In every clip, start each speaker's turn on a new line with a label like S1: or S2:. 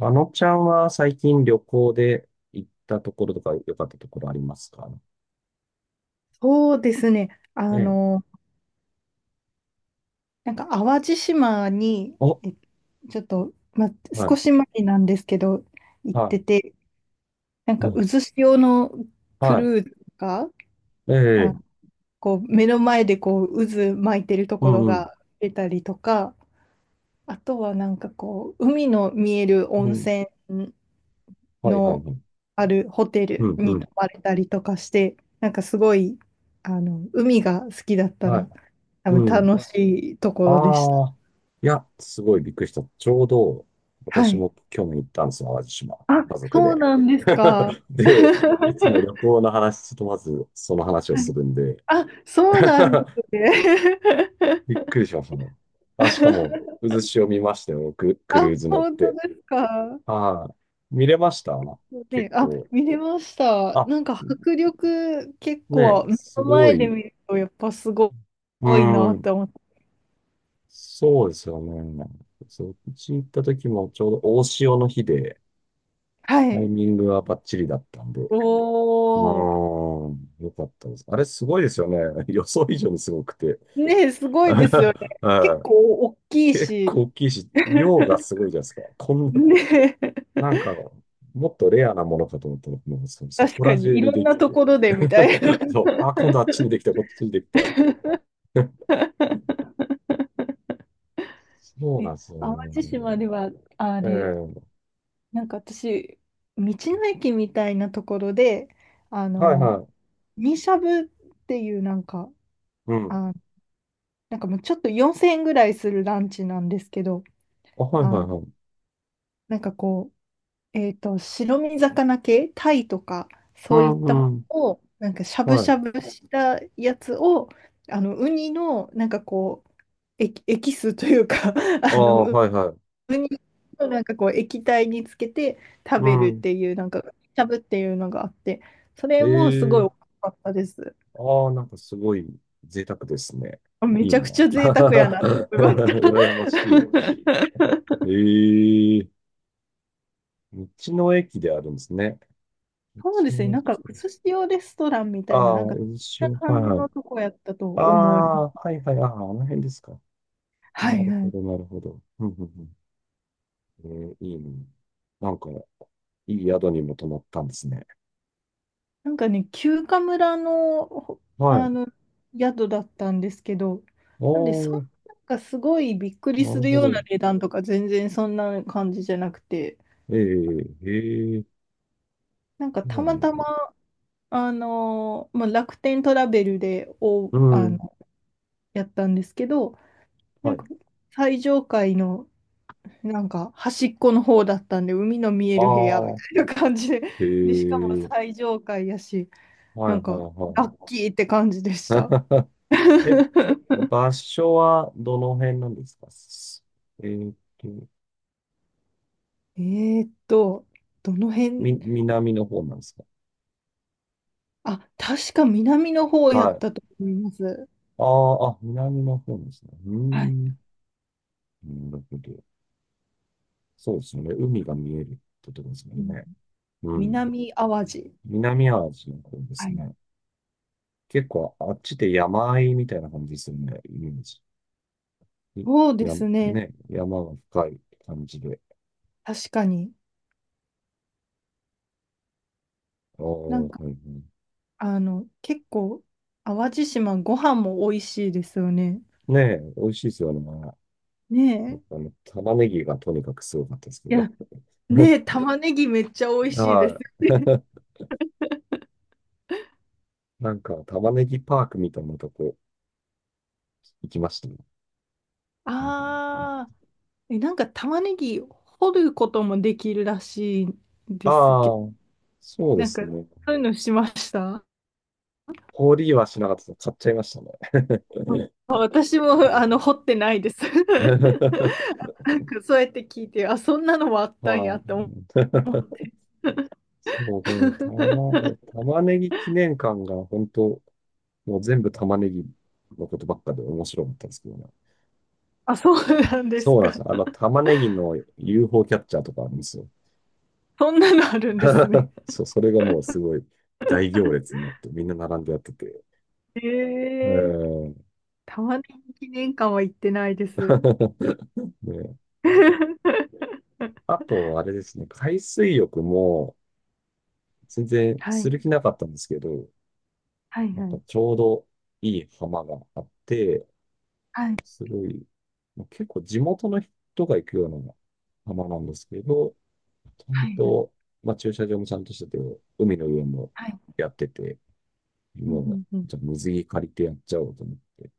S1: あのちゃんは最近旅行で行ったところとか良かったところありますかね。
S2: そうですね。
S1: え
S2: あ
S1: え。
S2: の、なんか淡路島に、
S1: お、
S2: ちょっと、
S1: は
S2: 少
S1: い、
S2: し前なんですけど、行っ
S1: は
S2: てて、なん
S1: い、
S2: か
S1: お、
S2: 渦潮のクル
S1: は
S2: ーズが、
S1: い、え
S2: あ、
S1: え、
S2: こう目の前でこう渦巻いてると
S1: う
S2: こ
S1: ん、
S2: ろ
S1: うん、
S2: が出たりとか、あとはなんかこう、海の見える
S1: う
S2: 温
S1: ん、
S2: 泉
S1: はい、はい、
S2: の
S1: はい、
S2: あるホテ
S1: う
S2: ル
S1: ん、う
S2: に
S1: ん、
S2: 泊まれたりとかして、なんかすごい、海が好きだった
S1: はい、
S2: ら、多
S1: う
S2: 分
S1: ん。
S2: 楽しいところでした。
S1: ああ、いや、すごいびっくりした。ちょうど、
S2: は
S1: 私
S2: い。
S1: も去年行ったんですよ、淡路島。
S2: あ、
S1: 家族
S2: そう
S1: で。
S2: なんですか。
S1: で、
S2: は
S1: いつも旅行の話とまずその話をす
S2: い。
S1: るんで。
S2: あ、そう なんですね。
S1: びっくりしましたね。あ、しかも、渦潮見ましたよ、僕、クルー
S2: あ、
S1: ズ乗っ
S2: 本当
S1: て。
S2: ですか。
S1: はい。見れました
S2: ね、
S1: 結
S2: あ、
S1: 構。
S2: 見れました。
S1: あ、
S2: なんか迫力結
S1: ね
S2: 構
S1: え、
S2: 目
S1: す
S2: の
S1: ご
S2: 前で
S1: い。
S2: 見るとやっぱすご
S1: う
S2: いなっ
S1: ん。
S2: て思って。
S1: そうですよね。そう、うち行った時もちょうど大潮の日で、
S2: は
S1: タイ
S2: い。
S1: ミングはバッチリだったんで。
S2: お
S1: うー
S2: お。
S1: ん、よかったです。あれすごいですよね。予想以上にすごくて。
S2: ね、す ごいですよね。結
S1: は
S2: 構大
S1: い。
S2: きい
S1: 結
S2: し、
S1: 構大きいし、量がすごいじゃないですか。こんな
S2: ね、
S1: なんか、もっとレアなものかと思ったら、もそ、そ
S2: 確
S1: こ
S2: か
S1: ら
S2: に
S1: 中
S2: い
S1: に
S2: ろん
S1: でき
S2: なと
S1: て、
S2: ころでみたいな。
S1: そう、あ、今度あっちにできた、こっちにできたって。そう
S2: え、
S1: なんですよ
S2: 淡
S1: ね。
S2: 路島では、あ
S1: え
S2: れ、
S1: え、
S2: なんか私、道の駅みたいなところで、あ
S1: はい
S2: の、
S1: は
S2: ミしゃぶっていうなんか、
S1: い。う
S2: あ、
S1: ん。
S2: なんかもうちょっと4000円ぐらいするランチなんですけど、
S1: あ、はい
S2: あ
S1: は
S2: の、
S1: いはい。
S2: なんかこう、白身魚系、タイとか、
S1: う
S2: そういったも
S1: んうん。
S2: のを、なんかしゃぶ
S1: は
S2: し
S1: い。
S2: ゃぶしたやつを、ウニの、なんかこう、エキスというか
S1: あ
S2: あの、
S1: あ、
S2: 普
S1: はいはい。
S2: 通になんかこう液体につけて食
S1: う
S2: べるっ
S1: ん。
S2: ていうなんかしゃぶっていうのがあってそれもすごい美
S1: ええ、
S2: 味しかったです。
S1: ああ、なんかすごい贅沢ですね。
S2: め
S1: いい
S2: ちゃく
S1: な。
S2: ちゃ贅沢やなって 思いました。
S1: 羨ましい。ええ、道の駅であるんですね。道
S2: そうですね、
S1: の
S2: なんか
S1: 駅。
S2: 寿司用レストランみ
S1: あ
S2: たいな、
S1: あ、
S2: なんかそん
S1: うし
S2: な
S1: はい
S2: 感じ
S1: はい。
S2: のとこやったと
S1: あ
S2: 思いま
S1: あ、
S2: す。
S1: はいはい、ああ、あの辺ですか。
S2: は
S1: な
S2: い
S1: る
S2: は
S1: ほ
S2: い。
S1: ど、なるほど。うんうんうん。えー、いいね。なんか、いい宿にも泊まったんですね。
S2: なんかね、休暇村の、
S1: はい。あ
S2: あ
S1: あ、
S2: の宿だったんですけど、なんでそんな、なんかすごいびっくり
S1: な
S2: す
S1: る
S2: る
S1: ほ
S2: ような
S1: ど。
S2: 値段とか全然そんな感じじゃなくて、
S1: ええ、ええ、
S2: なんか
S1: う
S2: たま
S1: ん。
S2: たま、まあ、楽天トラベルで、
S1: う
S2: あ
S1: ん、
S2: の、やったんですけど、な
S1: は
S2: んか
S1: い。
S2: 最上階のなんか端っこの方だったんで、海の見え
S1: あ
S2: る部屋みた
S1: あ、
S2: いな感じで、
S1: え
S2: で、しかも
S1: え、
S2: 最上階やし、
S1: はい
S2: な
S1: は
S2: ん
S1: い
S2: か
S1: は
S2: ラ
S1: い。
S2: ッキーって感じでした。
S1: え、場所はどの辺なんですかえーっと、
S2: えーっと、どの
S1: み、
S2: 辺、
S1: 南の方なんですか？
S2: あ、確か南の方や
S1: は
S2: った
S1: い。
S2: と思います。
S1: ああ、あ、南の方なんですね。うー
S2: はい。
S1: ん。なるほど。そうですね。海が見えるってことですも
S2: う
S1: ん
S2: ん。
S1: ね。うん。
S2: 南淡路。
S1: 南アジアの方で
S2: は
S1: す
S2: い。
S1: ね。結構あっちで山あいみたいな感じですよね。イメージ。
S2: そう
S1: い
S2: で
S1: や、
S2: すね。
S1: ね、山が深い感じで。
S2: 確かに。
S1: ああ、
S2: な
S1: は
S2: ん
S1: い
S2: か、
S1: はい。
S2: 結構、淡路島ご飯も美味しいですよね。
S1: ねえ、美味しいですよね。やっ
S2: ね
S1: ぱね、玉ねぎがとにかくすごかったですけ
S2: え。い
S1: ど。
S2: や、ねえ、玉ねぎめっちゃ美味しいです。
S1: はい。なんか、玉ねぎパークみたいなとこ行きましたね。うん。
S2: ああ、え、なんか玉ねぎ掘ることもできるらしいん
S1: あ
S2: ですけど、
S1: あ、そうで
S2: なん
S1: す
S2: か、
S1: ね。
S2: そういうのしました。
S1: 氷はしなかったです買っちゃいましたね。
S2: あ、私も、
S1: う
S2: 掘ってないです。
S1: ん。
S2: なんか、そうやって聞いて、あ、そんなのもあったんや
S1: は
S2: って思う。
S1: い。そう、この 玉、玉ねぎ記念館が本当、もう全部玉ねぎのことばっかで面白かったんですけどね。
S2: あ、そうなんです
S1: そうなんです
S2: か。
S1: よ。あの、玉ねぎの UFO キャッチャーとかあるんですよ。
S2: そんなのあるんですね。
S1: そう、それがもうすごい大行列になってみんな並んでやってて。
S2: え
S1: え
S2: え。
S1: ー。
S2: 玉ねぎ記念館は行ってないです。
S1: ね、あと、あれですね、海水浴も全然
S2: は
S1: する
S2: い、
S1: 気なかったんですけど、
S2: はい、
S1: なん
S2: は
S1: か
S2: い、
S1: ちょうどいい浜があって、
S2: はい、
S1: すごい、まあ結構地元の人が行くような浜なんですけど、ちゃん
S2: はい、
S1: と、まあ、駐車場もちゃんとしてて、海の上も
S2: はい、
S1: やってて、
S2: うん、
S1: もう、
S2: うん、うん、
S1: じゃあ水着借りてやっちゃおうと思って、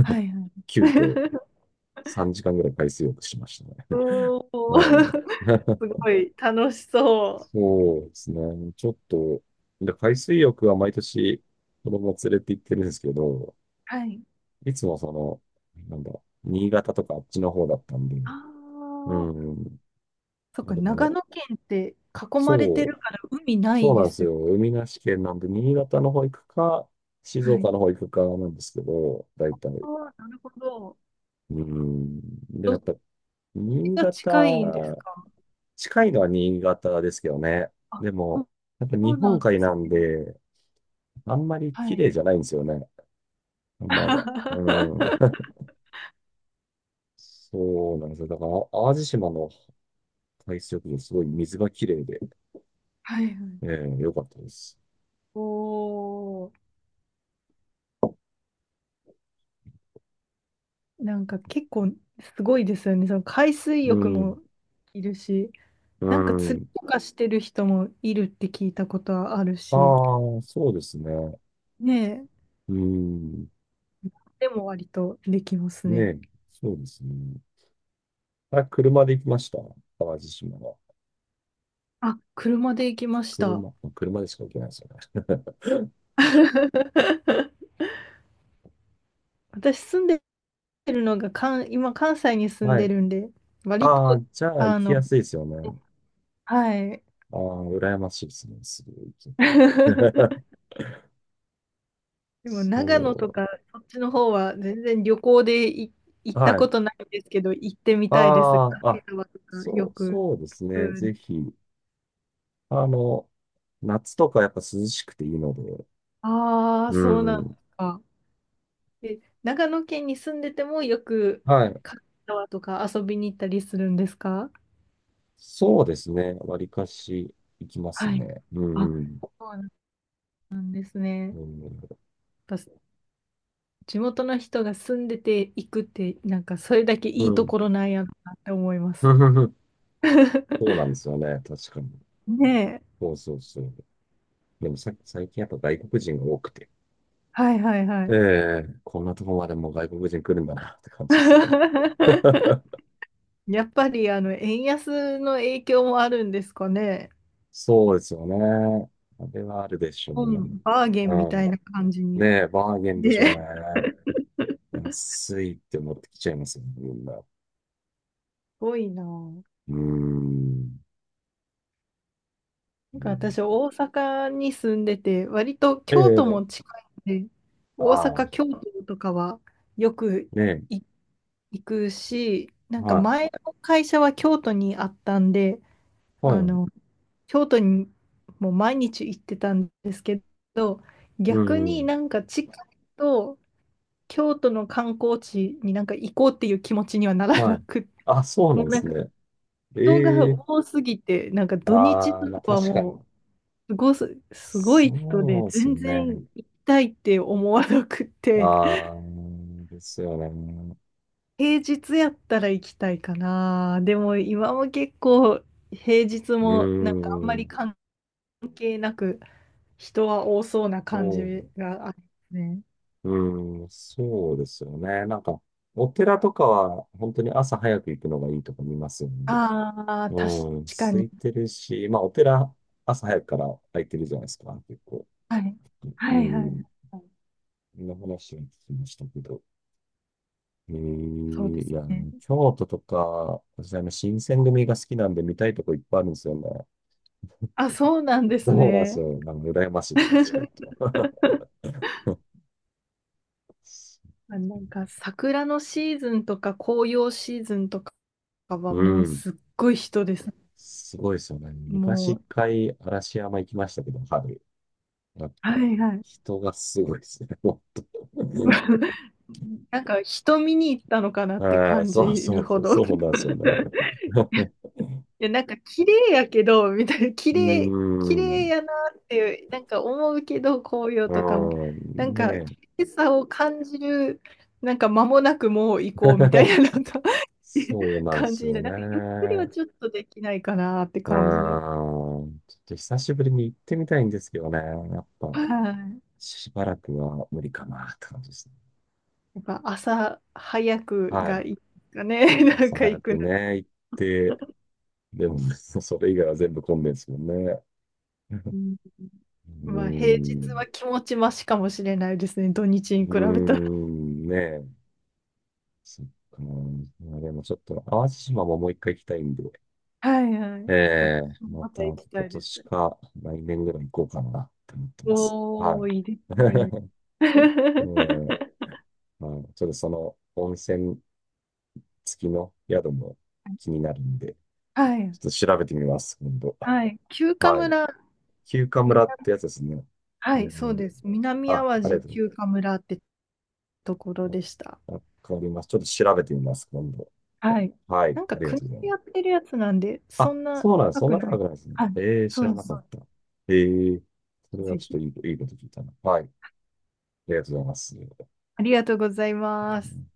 S2: はい、はい。
S1: 急遽 3時間ぐらい海水浴しまし
S2: お
S1: た
S2: お。
S1: ね。
S2: す
S1: ええ。
S2: ごい楽しそう。
S1: そうですね。ちょっと、で、海水浴は毎年子供連れて行ってるんですけど、
S2: はい。
S1: いつもその、なんだ、新潟とかあっちの方だったんで、
S2: あ
S1: う
S2: あ、
S1: ん、
S2: そっ
S1: まあ
S2: か、
S1: で
S2: 長
S1: も、
S2: 野県って囲まれて
S1: そ
S2: る
S1: う
S2: から海な
S1: そ
S2: い
S1: うな
S2: で
S1: んです
S2: すよ。
S1: よ。海なし県なんで、新潟の方行くか、静
S2: は
S1: 岡
S2: い。
S1: の方行くかなんですけど、大
S2: あ
S1: 体。
S2: あ、なるほど。
S1: うん。で、
S2: ど
S1: や
S2: っ
S1: っぱ、
S2: ち
S1: 新
S2: が
S1: 潟、
S2: 近いんですか？
S1: 近いのは新潟ですけどね。
S2: あ、
S1: でも、やっぱ
S2: そう
S1: 日
S2: な
S1: 本
S2: ん
S1: 海
S2: です
S1: なん
S2: ね。
S1: で、あんまり
S2: は
S1: 綺
S2: い。
S1: 麗じゃないんですよね。まだ。うん。そうなんですよ。だから、淡路島の海水浴場、すごい水が綺麗で、
S2: はいはい。
S1: ええ、良かったです。
S2: おお。なんか結構すごいですよね。その海水
S1: う
S2: 浴
S1: ん。
S2: もいるし、
S1: う
S2: なんか釣り
S1: ん。
S2: とかしてる人もいるって聞いたことはある
S1: あ
S2: し、
S1: あ、そうですね。
S2: ねえ、
S1: うん。
S2: でも割とできます
S1: ね
S2: ね。
S1: え、そうですね。あ、車で行きました。淡路島は。
S2: あ、車で行きまし
S1: 車、
S2: た。
S1: まあ車でしか行けないですよね。
S2: 私住んでるのが、今関西に 住ん
S1: は
S2: で
S1: い。
S2: るんで、割
S1: あ
S2: と、
S1: あ、じゃあ行
S2: あ
S1: き
S2: の、
S1: やすいですよね。
S2: はい。
S1: ああ、羨ましいですね。すぐ行けて。
S2: でも長野と
S1: そ
S2: かそっちの方は全然旅行で行
S1: う。
S2: った
S1: は
S2: こ
S1: い。
S2: とないんですけど、行ってみたいです。
S1: ああ、
S2: 軽井
S1: あ、
S2: 沢とかよく。
S1: そうです
S2: う
S1: ね。
S2: ん、
S1: ぜひ。あの、夏とかやっぱ涼しくていいので。
S2: ああ、
S1: う
S2: そうなんで
S1: ん。
S2: すか。え、長野県に住んでてもよく
S1: はい。
S2: 軽井沢とか遊びに行ったりするんですか？
S1: そうですね。わりかし行きます
S2: はい。
S1: ね。う
S2: あ、
S1: んうん。
S2: そうなんですね。
S1: う
S2: やっぱ地元の人が住んでて行くって、なんかそれだけ
S1: ん。
S2: い
S1: う
S2: いと
S1: ん。
S2: ころなんやなって思います。
S1: そう なんですよね。確かに。
S2: ねえ。
S1: そうそうそう。でもさ、最近やっぱ外国人が多くて。
S2: はいはいは
S1: え
S2: い。
S1: え、こんなとこまでもう外国人来るんだなって感じです。
S2: やっぱりあの円安の影響もあるんですかね。
S1: そうですよね。あれはあるでしょうね。
S2: 本バーゲ
S1: う
S2: ンみた
S1: ん。
S2: いな感じに。
S1: ねえ、バーゲ ンでしょうね。
S2: ね、す
S1: 安いって思ってきちゃいますよね、みんな。う
S2: ごいな。な
S1: ーん。
S2: ん
S1: う
S2: か
S1: ん、
S2: 私、大阪に住んでて、割と京都
S1: ええ、
S2: も近いんで、
S1: あ
S2: 大
S1: あ、
S2: 阪、京都とかはよく
S1: ねえ、
S2: い行くし、なんか
S1: はい、
S2: 前の会社は京都にあったんで、
S1: はい、
S2: あの、京都にもう毎日行ってたんですけど、
S1: う
S2: 逆に
S1: ん、
S2: なんか近いと、京都の観光地になんか行こうっていう気持ちにはなら
S1: は
S2: な
S1: い。
S2: くって、
S1: あ、そうな
S2: も
S1: ん
S2: う
S1: で
S2: なん
S1: す
S2: か
S1: ね。
S2: 人が
S1: ええ、
S2: 多すぎて、なんか土日
S1: ああ、
S2: と
S1: まあ
S2: かは
S1: 確かに。
S2: もうすごす、すごい人で、
S1: そうです
S2: 全然
S1: ね。
S2: 行きたいって思わなくって、
S1: ああ、ですよね。
S2: 平日やったら行きたいかな。でも今も結構平日
S1: うー
S2: もなんかあんまり
S1: ん、
S2: 関係なく人は多そうな感
S1: そう、
S2: じがあるね。
S1: うーん、そうですよね。なんか、お寺とかは、本当に朝早く行くのがいいとか見ますよね。
S2: ああ、確
S1: うん、
S2: か
S1: 空
S2: に。
S1: いてるし、まあ、お寺、朝早くから空いてるじゃないですか、結構。
S2: はい。
S1: う
S2: はいはい
S1: ん、
S2: はい。
S1: そんな話を聞きましたけど。え
S2: そうで
S1: ー、い
S2: す
S1: や、
S2: ね。
S1: 京都とか、私、あの、新選組が好きなんで見たいとこいっぱいあるんですよね。
S2: あ、そうなんです
S1: そうなんです
S2: ね。
S1: よ。なんか羨ましいですね、近い と。
S2: あ、なんか桜のシーズンとか紅葉シーズンとかは
S1: う
S2: もう
S1: ん。
S2: すっごい人です。
S1: すごいですよね。昔
S2: も
S1: 一
S2: う、
S1: 回嵐山行きましたけど、春。なん
S2: は
S1: か、
S2: いはい。
S1: 人がすごいですね。もう。
S2: なんか人見に行ったのか なって
S1: はい、
S2: 感じ
S1: そうそ
S2: る
S1: うそ
S2: ほ
S1: う、
S2: ど。い
S1: そうなんですよね。
S2: や、なんか綺麗やけど、みたいな、
S1: うー
S2: 綺麗
S1: ん。
S2: やなっていう、なんか思うけど、紅葉
S1: う
S2: とかも、
S1: ー
S2: なん
S1: ん。
S2: か
S1: ね
S2: 綺麗さを感じる、なんか間もなくもう
S1: え。
S2: 行こうみたいな、なんか
S1: そうなんで
S2: 感
S1: す
S2: じにな
S1: よ
S2: る。なんかゆっくりは
S1: ね。
S2: ちょっとできないかなって
S1: うー
S2: 感じで。
S1: ん。ちょっと久しぶりに行ってみたいんですけどね。やっ
S2: は
S1: ぱ、
S2: い。
S1: しばらくは無理かなって感じですね。
S2: やっぱ朝早く
S1: は
S2: が
S1: い。
S2: いいかね。なん
S1: 朝
S2: か
S1: 早
S2: 行く
S1: く
S2: の。
S1: ね、行って、でもね、それ以外は全部混んでるんですもんね。
S2: うん、
S1: うー
S2: まあ平日は
S1: ん、
S2: 気持ちましかもしれないですね。土日
S1: う
S2: に比
S1: ー
S2: べたら。
S1: ん、ねえ、そっか。まあでもちょっと、淡路島ももう一回行きたいんで、
S2: はいは
S1: え
S2: い。私
S1: え、
S2: も
S1: ま
S2: ま
S1: た
S2: た行
S1: 今
S2: きたいで
S1: 年
S2: す。
S1: か来年ぐらい行こうかなって思ってます。は
S2: おー、いいで
S1: い。
S2: すね。
S1: ねえ、まあ、ちょっとその温泉付きの宿も気になるんで、
S2: は
S1: ち
S2: い。
S1: ょっと調べてみます、今度。
S2: はい。休暇
S1: はい。
S2: 村。
S1: 休暇
S2: み
S1: 村っ
S2: な
S1: てやつですね。
S2: はい、
S1: ね、
S2: そうです。南
S1: あ、
S2: あ
S1: あ
S2: わ
S1: りが
S2: じ
S1: とうござい
S2: 休暇村ってところ
S1: ます。
S2: でした。
S1: あ、わかります。ちょっと調べてみます、今度。
S2: はい。
S1: はい、
S2: なんか
S1: ありが
S2: 国
S1: とうござい
S2: で
S1: ま
S2: や
S1: す。
S2: ってるやつなんで、そ
S1: あ、
S2: んな
S1: そうなんです。
S2: 高
S1: そん
S2: く
S1: な
S2: な
S1: 高
S2: い。
S1: くないですね。
S2: はい。
S1: えー、
S2: そ
S1: 知ら
S2: うで
S1: な
S2: す、
S1: か
S2: そ
S1: っ
S2: うで
S1: た。えー、そ
S2: す。
S1: れは
S2: ぜ
S1: ちょっ
S2: ひ。
S1: といいこと聞いたな。はい、ありがとうございます。う
S2: ありがとうございます。
S1: ん